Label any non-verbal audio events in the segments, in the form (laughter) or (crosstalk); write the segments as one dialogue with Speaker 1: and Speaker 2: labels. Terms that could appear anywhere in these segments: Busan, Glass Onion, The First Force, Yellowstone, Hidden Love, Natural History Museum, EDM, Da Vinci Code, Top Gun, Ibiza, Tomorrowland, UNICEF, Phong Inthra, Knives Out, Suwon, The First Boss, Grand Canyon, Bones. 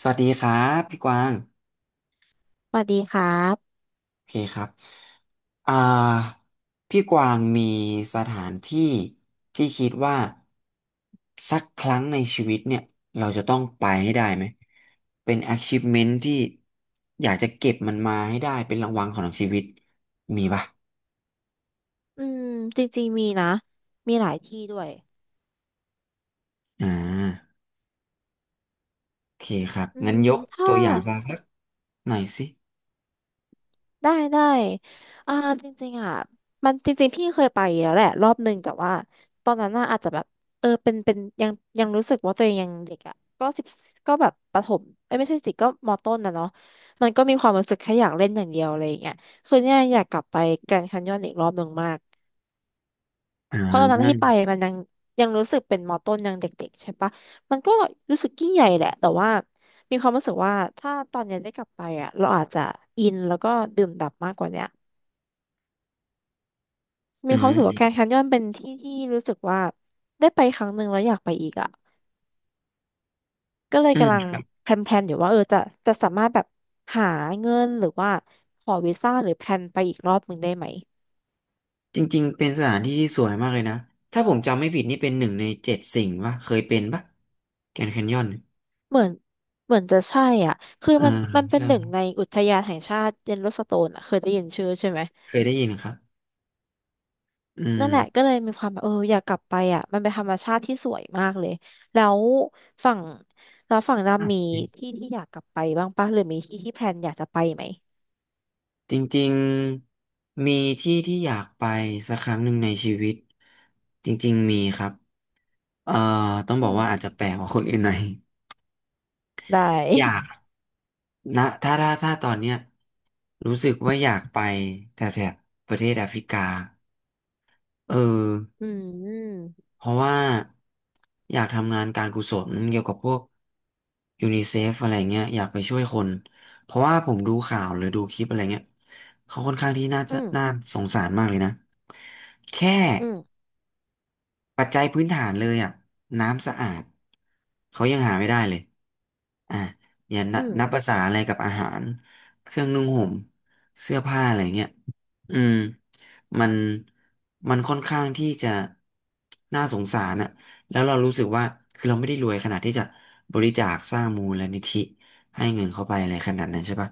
Speaker 1: สวัสดีครับพี่กวาง
Speaker 2: สวัสดีครับ
Speaker 1: โอเคครับอ่าพี่กวางมีสถานที่ที่คิดว่าสักครั้งในชีวิตเนี่ยเราจะต้องไปให้ได้ไหมเป็น achievement ที่อยากจะเก็บมันมาให้ได้เป็นรางวัลของชีวิตมีป่ะ
Speaker 2: อืมจริงๆมีนะ มีหลายที่ด้วย
Speaker 1: อ่าโอเคครับ
Speaker 2: อื
Speaker 1: งั้น
Speaker 2: ม
Speaker 1: ยก
Speaker 2: ถ้า
Speaker 1: ตัวอย่างซะสักหน่อยสิ
Speaker 2: ได้อ่าจริงๆอ่ะมันจริงๆพี่เคยไปแล้วแหละรอบหนึ่งแต่ว่าตอนนั้นน่ะอาจจะแบบเป็นยังยังรู้สึกว่าตัวเองยังเด็กอ่ะก็สิบก็แบบประถมเอ้ยไม่ใช่สิก็มอต้นนะเนาะมันก็มีความรู้สึกแค่อยากเล่นอย่างเดียวอะไรอย่างเงี้ยคือเนี่ยอยากกลับไปแกรนด์แคนยอนอีกรอบหนึ่งมาก
Speaker 1: อ่
Speaker 2: เพราะตอนนั้นที่ไป
Speaker 1: า
Speaker 2: มันยังยังรู้สึกเป็นมอต้นยังเด็กๆใช่ปะมันก็รู้สึกยิ่งใหญ่แหละแต่ว่ามีความรู้สึกว่าถ้าตอนเนี้ยได้กลับไปอ่ะเราอาจจะอินแล้วก็ดื่มด่ำมากกว่าเนี้ยมี
Speaker 1: อื
Speaker 2: ความ
Speaker 1: ม
Speaker 2: รู้สึก
Speaker 1: อื
Speaker 2: ว่าแกรนด์
Speaker 1: ม
Speaker 2: แคนยอนเป็นที่ที่รู้สึกว่าได้ไปครั้งหนึ่งแล้วอยากไปอีกอ่ะก็เลย
Speaker 1: อืม
Speaker 2: กำลัง
Speaker 1: ครับ
Speaker 2: แพลนอยู่ว่าเออจะสามารถแบบหาเงินหรือว่าขอวีซ่าหรือแพลนไปอีกรอบหนึ่งได้ไหม
Speaker 1: จริงๆเป็นสถานที่ที่สวยมากเลยนะถ้าผมจำไม่ผิดนี่เป็นหนึ่งในเจ็ดสิ่งปะเคยเป็นปะแกรนด์แคนยอน
Speaker 2: เหมือนเหมือนจะใช่อ่ะคือ
Speaker 1: อ่า
Speaker 2: มันเป็น
Speaker 1: ใช่
Speaker 2: หนึ่งในอุทยานแห่งชาติเยลโลสโตนอ่ะเคยได้ยินชื่อใช่ไหม
Speaker 1: เคยได้ยินครับอืม
Speaker 2: นั่นแหละก็เลยมีความแบบเอออยากกลับไปอ่ะมันเป็นธรรมชาติที่สวยมากเลยแล้วฝั่งแล้วฝั่ง
Speaker 1: โอ่ะ
Speaker 2: ดำมีที่ที่อยากกลับไปบ้างปะหรือมีที่ที่แพลนอยากจะไปไหม
Speaker 1: จริงๆมีที่ที่อยากไปสักครั้งหนึ่งในชีวิตจริงๆมีครับเอ่อต้องบ
Speaker 2: อื
Speaker 1: อก
Speaker 2: ม
Speaker 1: ว่าอาจจะแปลกกว่าคนอื่นหน่อย
Speaker 2: ได้
Speaker 1: (laughs) อยากนะถ้าตอนเนี้ยรู้สึกว่าอยากไปแถบประเทศแอฟริกาเออ
Speaker 2: (laughs) อืม
Speaker 1: เพราะว่าอยากทำงานการกุศลเกี่ยวกับพวกยูนิเซฟอะไรเงี้ยอยากไปช่วยคนเพราะว่าผมดูข่าวหรือดูคลิปอะไรเงี้ยเขาค่อนข้างที่น่า
Speaker 2: อื
Speaker 1: จะ
Speaker 2: ม
Speaker 1: น่าสงสารมากเลยนะแค่
Speaker 2: อืม
Speaker 1: ปัจจัยพื้นฐานเลยอ่ะน้ำสะอาดเขายังหาไม่ได้เลยอ่ะอย่านั
Speaker 2: อื
Speaker 1: บ
Speaker 2: ม
Speaker 1: นับภาษาอะไรกับอาหารเครื่องนุ่งห่มเสื้อผ้าอะไรเงี้ยอืมมันมันค่อนข้างที่จะน่าสงสารอะแล้วเรารู้สึกว่าคือเราไม่ได้รวยขนาดที่จะบริจาคสร้างมูลนิธิให้เงินเข้าไปอะไรขนาดนั้นใช่ปะ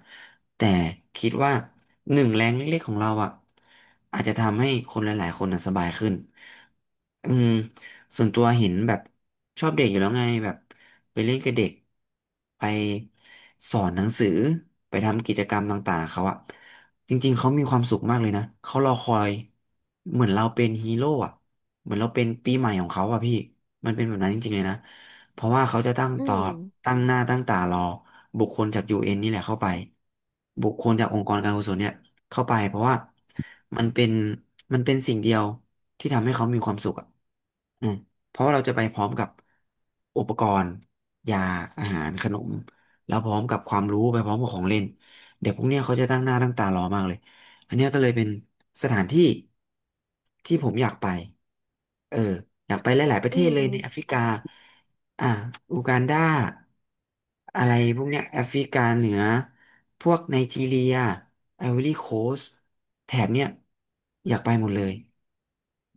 Speaker 1: แต่คิดว่าหนึ่งแรงเล็กๆของเราอะอาจจะทำให้คนหลายๆคนอะสบายขึ้น อืมส่วนตัวเห็นแบบชอบเด็กอยู่แล้วไงแบบไปเล่นกับเด็กไปสอนหนังสือไปทำกิจกรรมต่างๆเขาอะจริงๆเขามีความสุขมากเลยนะเขารอคอยเหมือนเราเป็นฮีโร่อะเหมือนเราเป็นปีใหม่ของเขาอะพี่มันเป็นแบบนั้นจริงๆเลยนะเพราะว่าเขาจะ
Speaker 2: อืม
Speaker 1: ตั้งหน้าตั้งตารอบุคคลจากยูเอ็นนี่แหละเข้าไปบุคคลจากองค์กรการกุศลเนี่ย เข้าไปเพราะว่ามันเป็นมันเป็นสิ่งเดียวที่ทำให้เขามีความสุขอ่ะอืมเพราะว่าเราจะไปพร้อมกับอุปกรณ์ยาอาหารขนมแล้วพร้อมกับความรู้ไปพร้อมกับของเล่นเด็กพวกเนี้ยเขาจะตั้งหน้าตั้งตารอมากเลยอันเนี้ยก็เลยเป็นสถานที่ที่ผมอยากไปเอออยากไปหลายๆประเท
Speaker 2: อื
Speaker 1: ศ
Speaker 2: ม
Speaker 1: เล
Speaker 2: อื
Speaker 1: ยในแอฟ
Speaker 2: ม
Speaker 1: ริกาอ่าอูกันดาอะไรพวกเนี้ยแอฟริกาเหนือ พวกไนจีเรียไอวอรี่โคสต์แถบเนี้ยอยากไปหมดเลย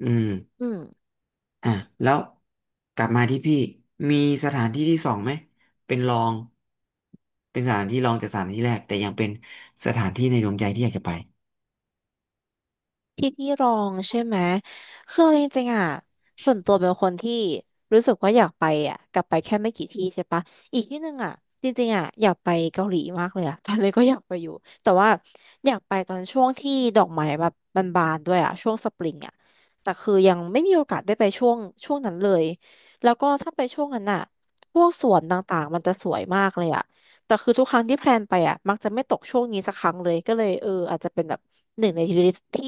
Speaker 1: อืม
Speaker 2: อืม
Speaker 1: อ่ะแล้วกลับมาที่พี่ มีสถานที่ที่สองไหม เป็นรอง เป็นสถานที่รองจากสถานที่แรก แต่ยังเป็นสถานที่ในดวงใจที่อยากจะไป
Speaker 2: ที่ที่รองใช่ไหมคือจริงๆอ่ะส่วนตัวเป็นคนที่รู้สึกว่าอยากไปอ่ะกลับไปแค่ไม่กี่ที่ใช่ปะอีกที่หนึ่งอ่ะจริงๆอ่ะอยากไปเกาหลีมากเลยอ่ะ (laughs) ตอนนี้ก็อยากไปอยู่แต่ว่าอยากไปตอนช่วงที่ดอกไม้แบบบานด้วยอ่ะช่วงสปริงอ่ะแต่คือยังไม่มีโอกาสได้ไปช่วงช่วงนั้นเลยแล้วก็ถ้าไปช่วงนั้นอ่ะพวกสวนต่างๆมันจะสวยมากเลยอ่ะแต่คือทุกครั้งที่แพลนไปอ่ะมักจะไม่ตกช่วงนี้สักครั้งเลยก็เลยเอออาจจะเป็นแบบหนึ่งในลิสที่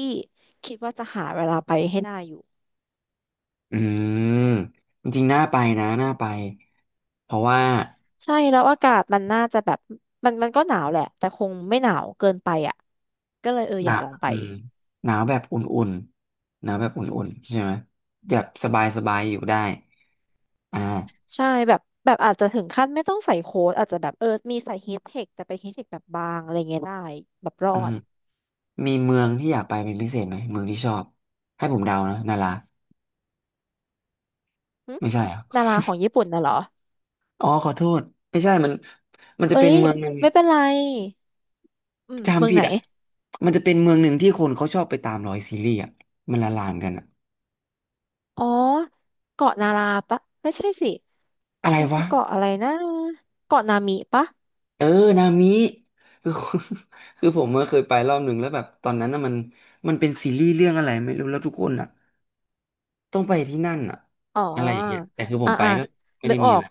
Speaker 2: คิดว่าจะหาเวลาไปให้ได้อยู่
Speaker 1: อืม จริงๆน่าไปนะ น่าไป เพราะว่า
Speaker 2: ใช่แล้วอากาศมันน่าจะแบบมันก็หนาวแหละแต่คงไม่หนาวเกินไปอ่ะก็เลยเออ
Speaker 1: ห
Speaker 2: อ
Speaker 1: นา
Speaker 2: ยาก
Speaker 1: ว
Speaker 2: ลองไป
Speaker 1: อืมหนาวแบบอุ่นๆหนาวแบบอุ่นๆใช่ไหมแบบสบายๆ อยู่ได้อ่า
Speaker 2: ใช่แบบอาจจะถึงขั้นไม่ต้องใส่โค้ทอาจจะแบบเออมีใส่ฮีทเทคแต่เป็นฮีทเทคแบบบางอะไรเงี้ยได้แบบรอ
Speaker 1: อืม
Speaker 2: ด
Speaker 1: มีเมืองที่อยากไปเป็นพิเศษไหมเมืองที่ชอบให้ผมเดานะนารา
Speaker 2: หึ
Speaker 1: ไม่ใช่เหรอ
Speaker 2: ดาราของญี่ปุ่นน่ะเหรอ
Speaker 1: อ๋อขอโทษไม่ใช่มันมันจะ
Speaker 2: เอ้
Speaker 1: เป็น
Speaker 2: ย
Speaker 1: เมืองหนึ่ง
Speaker 2: ไม่เป็นไรอืมเมื
Speaker 1: จำ
Speaker 2: อง
Speaker 1: ผิ
Speaker 2: ไหน
Speaker 1: ดอ่ะมันจะเป็นเมืองหนึ่งที่คนเขาชอบไปตามรอยซีรีส์อ่ะมันละลานกันอ่ะ
Speaker 2: อ๋อเกาะนาราปะไม่ใช่สิ
Speaker 1: อะไร
Speaker 2: มันคื
Speaker 1: วะ
Speaker 2: อเกาะอะไรนะเกาะนามิปะ
Speaker 1: เออนามิคือ (laughs) คือผมเมื่อเคยไปรอบหนึ่งแล้วแบบตอนนั้นน่ะมันมันเป็นซีรีส์เรื่องอะไรไม่รู้แล้วทุกคนอ่ะต้องไปที่นั่นอ่ะ
Speaker 2: อ๋
Speaker 1: อะไรอย่างเงี้ย
Speaker 2: อ
Speaker 1: แต่คือผม
Speaker 2: อ่า
Speaker 1: ไป
Speaker 2: อ่า
Speaker 1: ก็ไม่
Speaker 2: นึ
Speaker 1: ได้
Speaker 2: กอ
Speaker 1: มี
Speaker 2: อ
Speaker 1: อะ
Speaker 2: ก
Speaker 1: ไร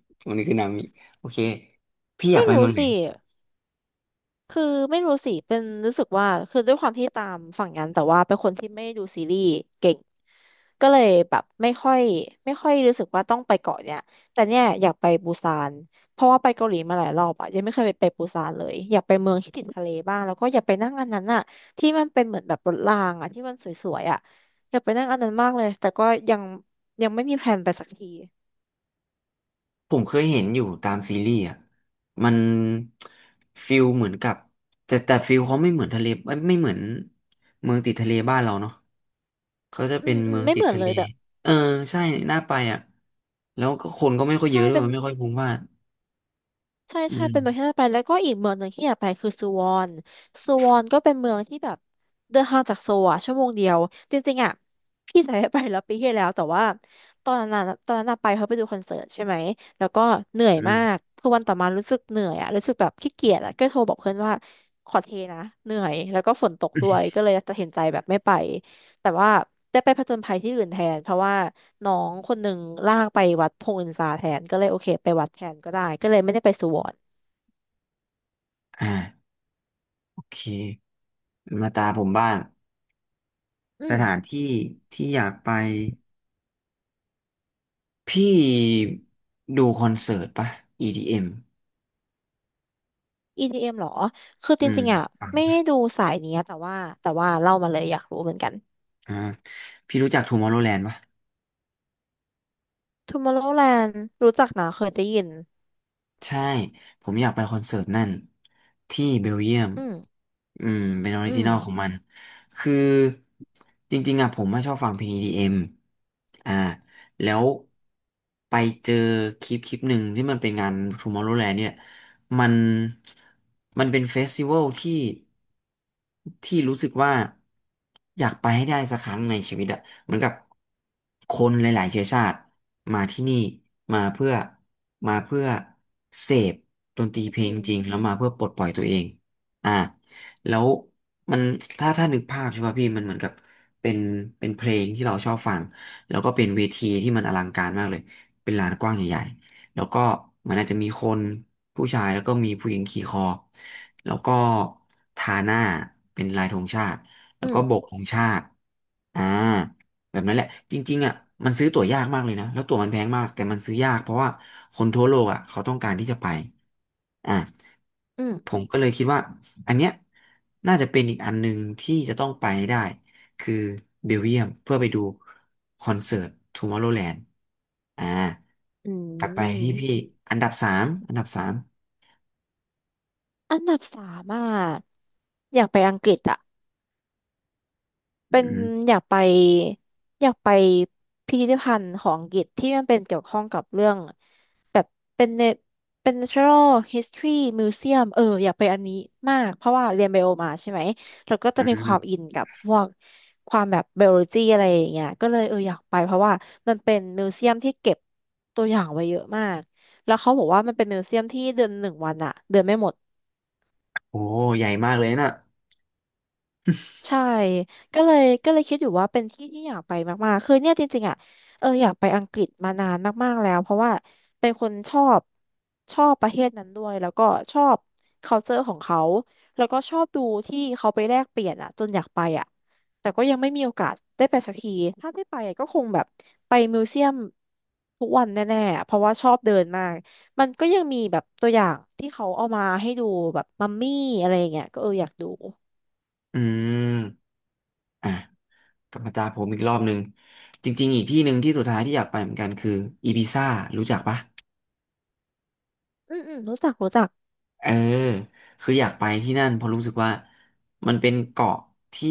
Speaker 1: (laughs) วันนี้คือนามิโอเคพี่อยา
Speaker 2: ไม่
Speaker 1: กไป
Speaker 2: รู้
Speaker 1: เมืองไหน
Speaker 2: สิคือไม่รู้สิเป็นรู้สึกว่าคือด้วยความที่ตามฝั่งนั้นแต่ว่าเป็นคนที่ไม่ดูซีรีส์เก่งก็เลยแบบไม่ค่อยรู้สึกว่าต้องไปเกาะเนี่ยแต่เนี่ยอยากไปปูซานเพราะว่าไปเกาหลีมาหลายรอบอะยังไม่เคยไปปูซานเลยอยากไปเมืองที่ติดทะเลบ้างแล้วก็อยากไปนั่งอันนั้นอะที่มันเป็นเหมือนแบบรถรางอะที่มันสวยอะอยากไปนั่งอันนั้นมากเลยแต่ก็ยังยังไม่มีแพลนไปสักที
Speaker 1: ผมเคยเห็นอยู่ตามซีรีส์อ่ะมันฟิลเหมือนกับแต่ฟิลเขาไม่เหมือนทะเลไม่เหมือนเมืองติดทะเลบ้านเราเนาะเขาจะ
Speaker 2: อื
Speaker 1: เป็น
Speaker 2: มอื
Speaker 1: เมื
Speaker 2: ม
Speaker 1: อง
Speaker 2: ไม่
Speaker 1: ติ
Speaker 2: เห
Speaker 1: ด
Speaker 2: มือน
Speaker 1: ทะ
Speaker 2: เล
Speaker 1: เล
Speaker 2: ยแต่
Speaker 1: เออใช่น่าไปอ่ะแล้วก็คนก็ไม่ค่อยเย
Speaker 2: ใช่
Speaker 1: อะด้วย
Speaker 2: เป็น
Speaker 1: มันไม่ค่อยพลุกพล่าน
Speaker 2: ใช่
Speaker 1: อื
Speaker 2: ใช่
Speaker 1: ม
Speaker 2: เป็นเมืองที่น่าไปแล้วก็อีกเมืองหนึ่งที่อยากไปคือซูวอนซูวอนก็เป็นเมืองที่แบบเดินทางจากโซลอะชั่วโมงเดียวจริงๆอะพี่สายไปแล้วปีที่แล้วแต่ว่าตอนนั้นอะไปเขาะไปดูคอนเสิร์ตใช่ไหมแล้วก็เหนื่อย
Speaker 1: อื
Speaker 2: มาก
Speaker 1: ม
Speaker 2: คือวันต่อมารู้สึกเหนื่อยอะรู้สึกแบบขี้เกียจอะก็โทรบอกเพื่อนว่าขอเทนะเหนื่อยแล้วก็ฝนตกด้วยก็เลยตัดสินใจแบบไม่ไปแต่ว่าได้ไปผจญภัยที่อื่นแทนเพราะว่า น้องคนหนึ่งลากไปวัดพงศ์อินทราแทนก็เลยโอเคไปวัดแทนก็ได้ก็เลยไม่ได้ไปสุวรรณ
Speaker 1: อ่าโอเคมาตาผมบ้าง
Speaker 2: อื
Speaker 1: ส
Speaker 2: ม
Speaker 1: ถานที่ที่อยากไปพี่ดูคอนเสิร์ตปะ EDM
Speaker 2: EDM เอ็มเหรอคือ
Speaker 1: อม
Speaker 2: จ
Speaker 1: อืม
Speaker 2: ริงๆอ่ะไม่ได้ดูสายเนี้ยแต่ว่าเล่ามาเลยอยากรู้เหมือนกัน
Speaker 1: อ่าพี่รู้จัก Tomorrowland ปะ
Speaker 2: Tomorrowland รู้จักนะเคยได้ยิน
Speaker 1: ใช่ผมอยากไปคอนเสิร์ตนั่นที่เบลเยียม
Speaker 2: อืม
Speaker 1: อืมเป็นออริ
Speaker 2: อื
Speaker 1: จิ
Speaker 2: ม
Speaker 1: นอลของมันคือจริงๆอ่ะผมไม่ชอบฟังเพลง EDM อมอ่าแล้วไปเจอคลิปหนึ่งที่มันเป็นงาน Tomorrowland เนี่ย มันมันเป็นเฟสติวัลที่รู้สึกว่าอยากไปให้ได้สักครั้งในชีวิตอะเหมือนกับคนหลายๆเชื้อชาติมาที่นี่มาเพื่อมาเพื่อเสพดนตรีเพลง
Speaker 2: อื
Speaker 1: จริง
Speaker 2: ม
Speaker 1: แล้วมาเพื่อปลดปล่อยตัวเองอ่าแล้วมันถ้านึกภาพใช่ป่ะพี่มันเหมือนกับเป็นเป็นเพลงที่เราชอบฟังแล้วก็เป็นเวทีที่มันอลังการมากเลยเป็นลานกว้างใหญ่ แล้วก็มันอาจจะมีคนผู้ชายแล้วก็มีผู้หญิงขี่คอแล้วก็ทาหน้าเป็นลายธงชาติแล้
Speaker 2: อื
Speaker 1: วก็โบก
Speaker 2: ม
Speaker 1: ธงชาติอ่าแบบนั้นแหละจริงๆอ่ะมันซื้อตั๋วยากมากเลยนะแล้วตั๋วมันแพงมากแต่มันซื้อยากเพราะว่าคนทั่วโลกอ่ะเขาต้องการที่จะไปอ่า
Speaker 2: อืม
Speaker 1: ผมก็เลยคิดว่าอันเนี้ยน่าจะเป็นอีกอันหนึ่งที่จะต้องไปให้ได้ คือเบลเยียมเพื่อไปดูคอนเสิร์ตทูมอร์โ o แลนด์อ่า
Speaker 2: อื
Speaker 1: กลับไปที่พี่
Speaker 2: ม
Speaker 1: อันดับสาม
Speaker 2: อันดับสามอ่ะอยากไปอังกฤษอ่ะ
Speaker 1: อื
Speaker 2: เป็น
Speaker 1: ม
Speaker 2: อยากไปอยากไปพิพิธภัณฑ์ของอังกฤษที่มันเป็นเกี่ยวข้องกับเรื่องแบบเป็นเนเป็น Natural History Museum เอออยากไปอันนี้มากเพราะว่าเรียนไบโอมาใช่ไหมแล้วก็จะ
Speaker 1: อื
Speaker 2: มีความ
Speaker 1: ม
Speaker 2: อินกับพวกความแบบไบโอโลจีอะไรอย่างเงี้ยก็เลยเอออยากไปเพราะว่ามันเป็นมิวเซียมที่เก็บตัวอย่างไว้เยอะมากแล้วเขาบอกว่ามันเป็นมิวเซียมที่เดือนหนึ่งวันอะเดินไม่หมด
Speaker 1: โอ้ใหญ่มากเลยนะ
Speaker 2: ใช่ก็เลยคิดอยู่ว่าเป็นที่ที่อยากไปมากๆคือเนี่ยจริงๆอ่ะเอออยากไปอังกฤษมานานมากๆแล้วเพราะว่าเป็นคนชอบประเทศนั้นด้วยแล้วก็ชอบ culture ของเขาแล้วก็ชอบดูที่เขาไปแลกเปลี่ยนอ่ะจนอยากไปอ่ะแต่ก็ยังไม่มีโอกาสได้ไปสักทีถ้าได้ไปอะก็คงแบบไปมิวเซียมทุกวันแน่ๆอะเพราะว่าชอบเดินมากมันก็ยังมีแบบตัวอย่างที่เขาเอามาให้ดูแบบมัมมี่อะไรอย่างเงี้ยก็เอออยากดู
Speaker 1: อืมอ่ะกลับมาตาผมอีกรอบหนึ่งจริงๆอีกที่หนึ่งที่สุดท้ายที่อยากไปเหมือนกันคืออีบิซ่ารู้จักปะ
Speaker 2: อืมอืมรู้จัก
Speaker 1: เออคืออยากไปที่นั่นเพราะรู้สึกว่ามันเป็นเกาะที่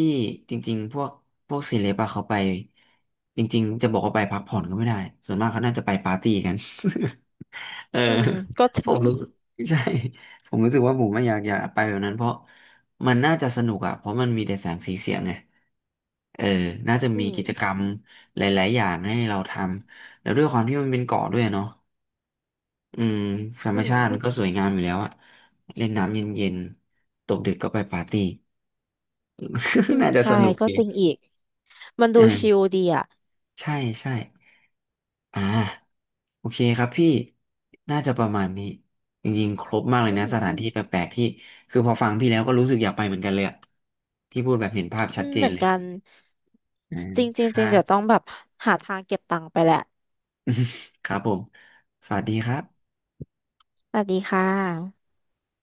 Speaker 1: จริงๆพวกเซเลบอะเขาไปจริงๆจะบอกว่าไปพักผ่อนก็ไม่ได้ส่วนมากเขาน่าจะไปปาร์ตี้กัน (laughs) เออ
Speaker 2: อืมก็
Speaker 1: ผม
Speaker 2: ทิ้ง
Speaker 1: รู้สึกใช่ผมรู้สึกว่าผมไม่อยากอยากไปแบบนั้นเพราะมันน่าจะสนุกอะเพราะมันมีแต่แสงสีเสียงไงเออน่าจะ
Speaker 2: อื
Speaker 1: มี
Speaker 2: ม
Speaker 1: กิจกรรมหลายๆอย่างให้เราทำแล้วด้วยความที่มันเป็นเกาะด้วยเนาะ อืมธรร
Speaker 2: อื
Speaker 1: มชาติมั
Speaker 2: ม
Speaker 1: นก็สวยงามอยู่แล้วอะเล่นน้ำเย็นๆตกดึกก็ไปปาร์ตี้
Speaker 2: อื
Speaker 1: (laughs)
Speaker 2: ม
Speaker 1: น่าจะ
Speaker 2: ใช่
Speaker 1: สนุก
Speaker 2: ก็
Speaker 1: ดี
Speaker 2: จริงอีกมันดู
Speaker 1: อ่า
Speaker 2: ชิลดีอ่ะ
Speaker 1: ใช่ใช่อ่าโอเคครับพี่น่าจะประมาณนี้จริงๆครบมากเลย
Speaker 2: อื
Speaker 1: นะ
Speaker 2: ม
Speaker 1: สถานที่แปลกๆที่คือพอฟังพี่แล้วก็รู้สึกอยากไปเหมือนกันเลยอะที่พูดแบบเห็นภาพ
Speaker 2: อื
Speaker 1: ชัด
Speaker 2: ม
Speaker 1: เจ
Speaker 2: เห
Speaker 1: น
Speaker 2: มือน
Speaker 1: เลย
Speaker 2: กัน
Speaker 1: อ่า
Speaker 2: จริงจริ
Speaker 1: ค
Speaker 2: งจ
Speaker 1: รั
Speaker 2: ริงเดี๋ยวต้อง
Speaker 1: บ
Speaker 2: แบบหาทางเก็บตังค์ไปแหละ
Speaker 1: ครับผมสวัสดีครับ
Speaker 2: สวัสดีค่ะ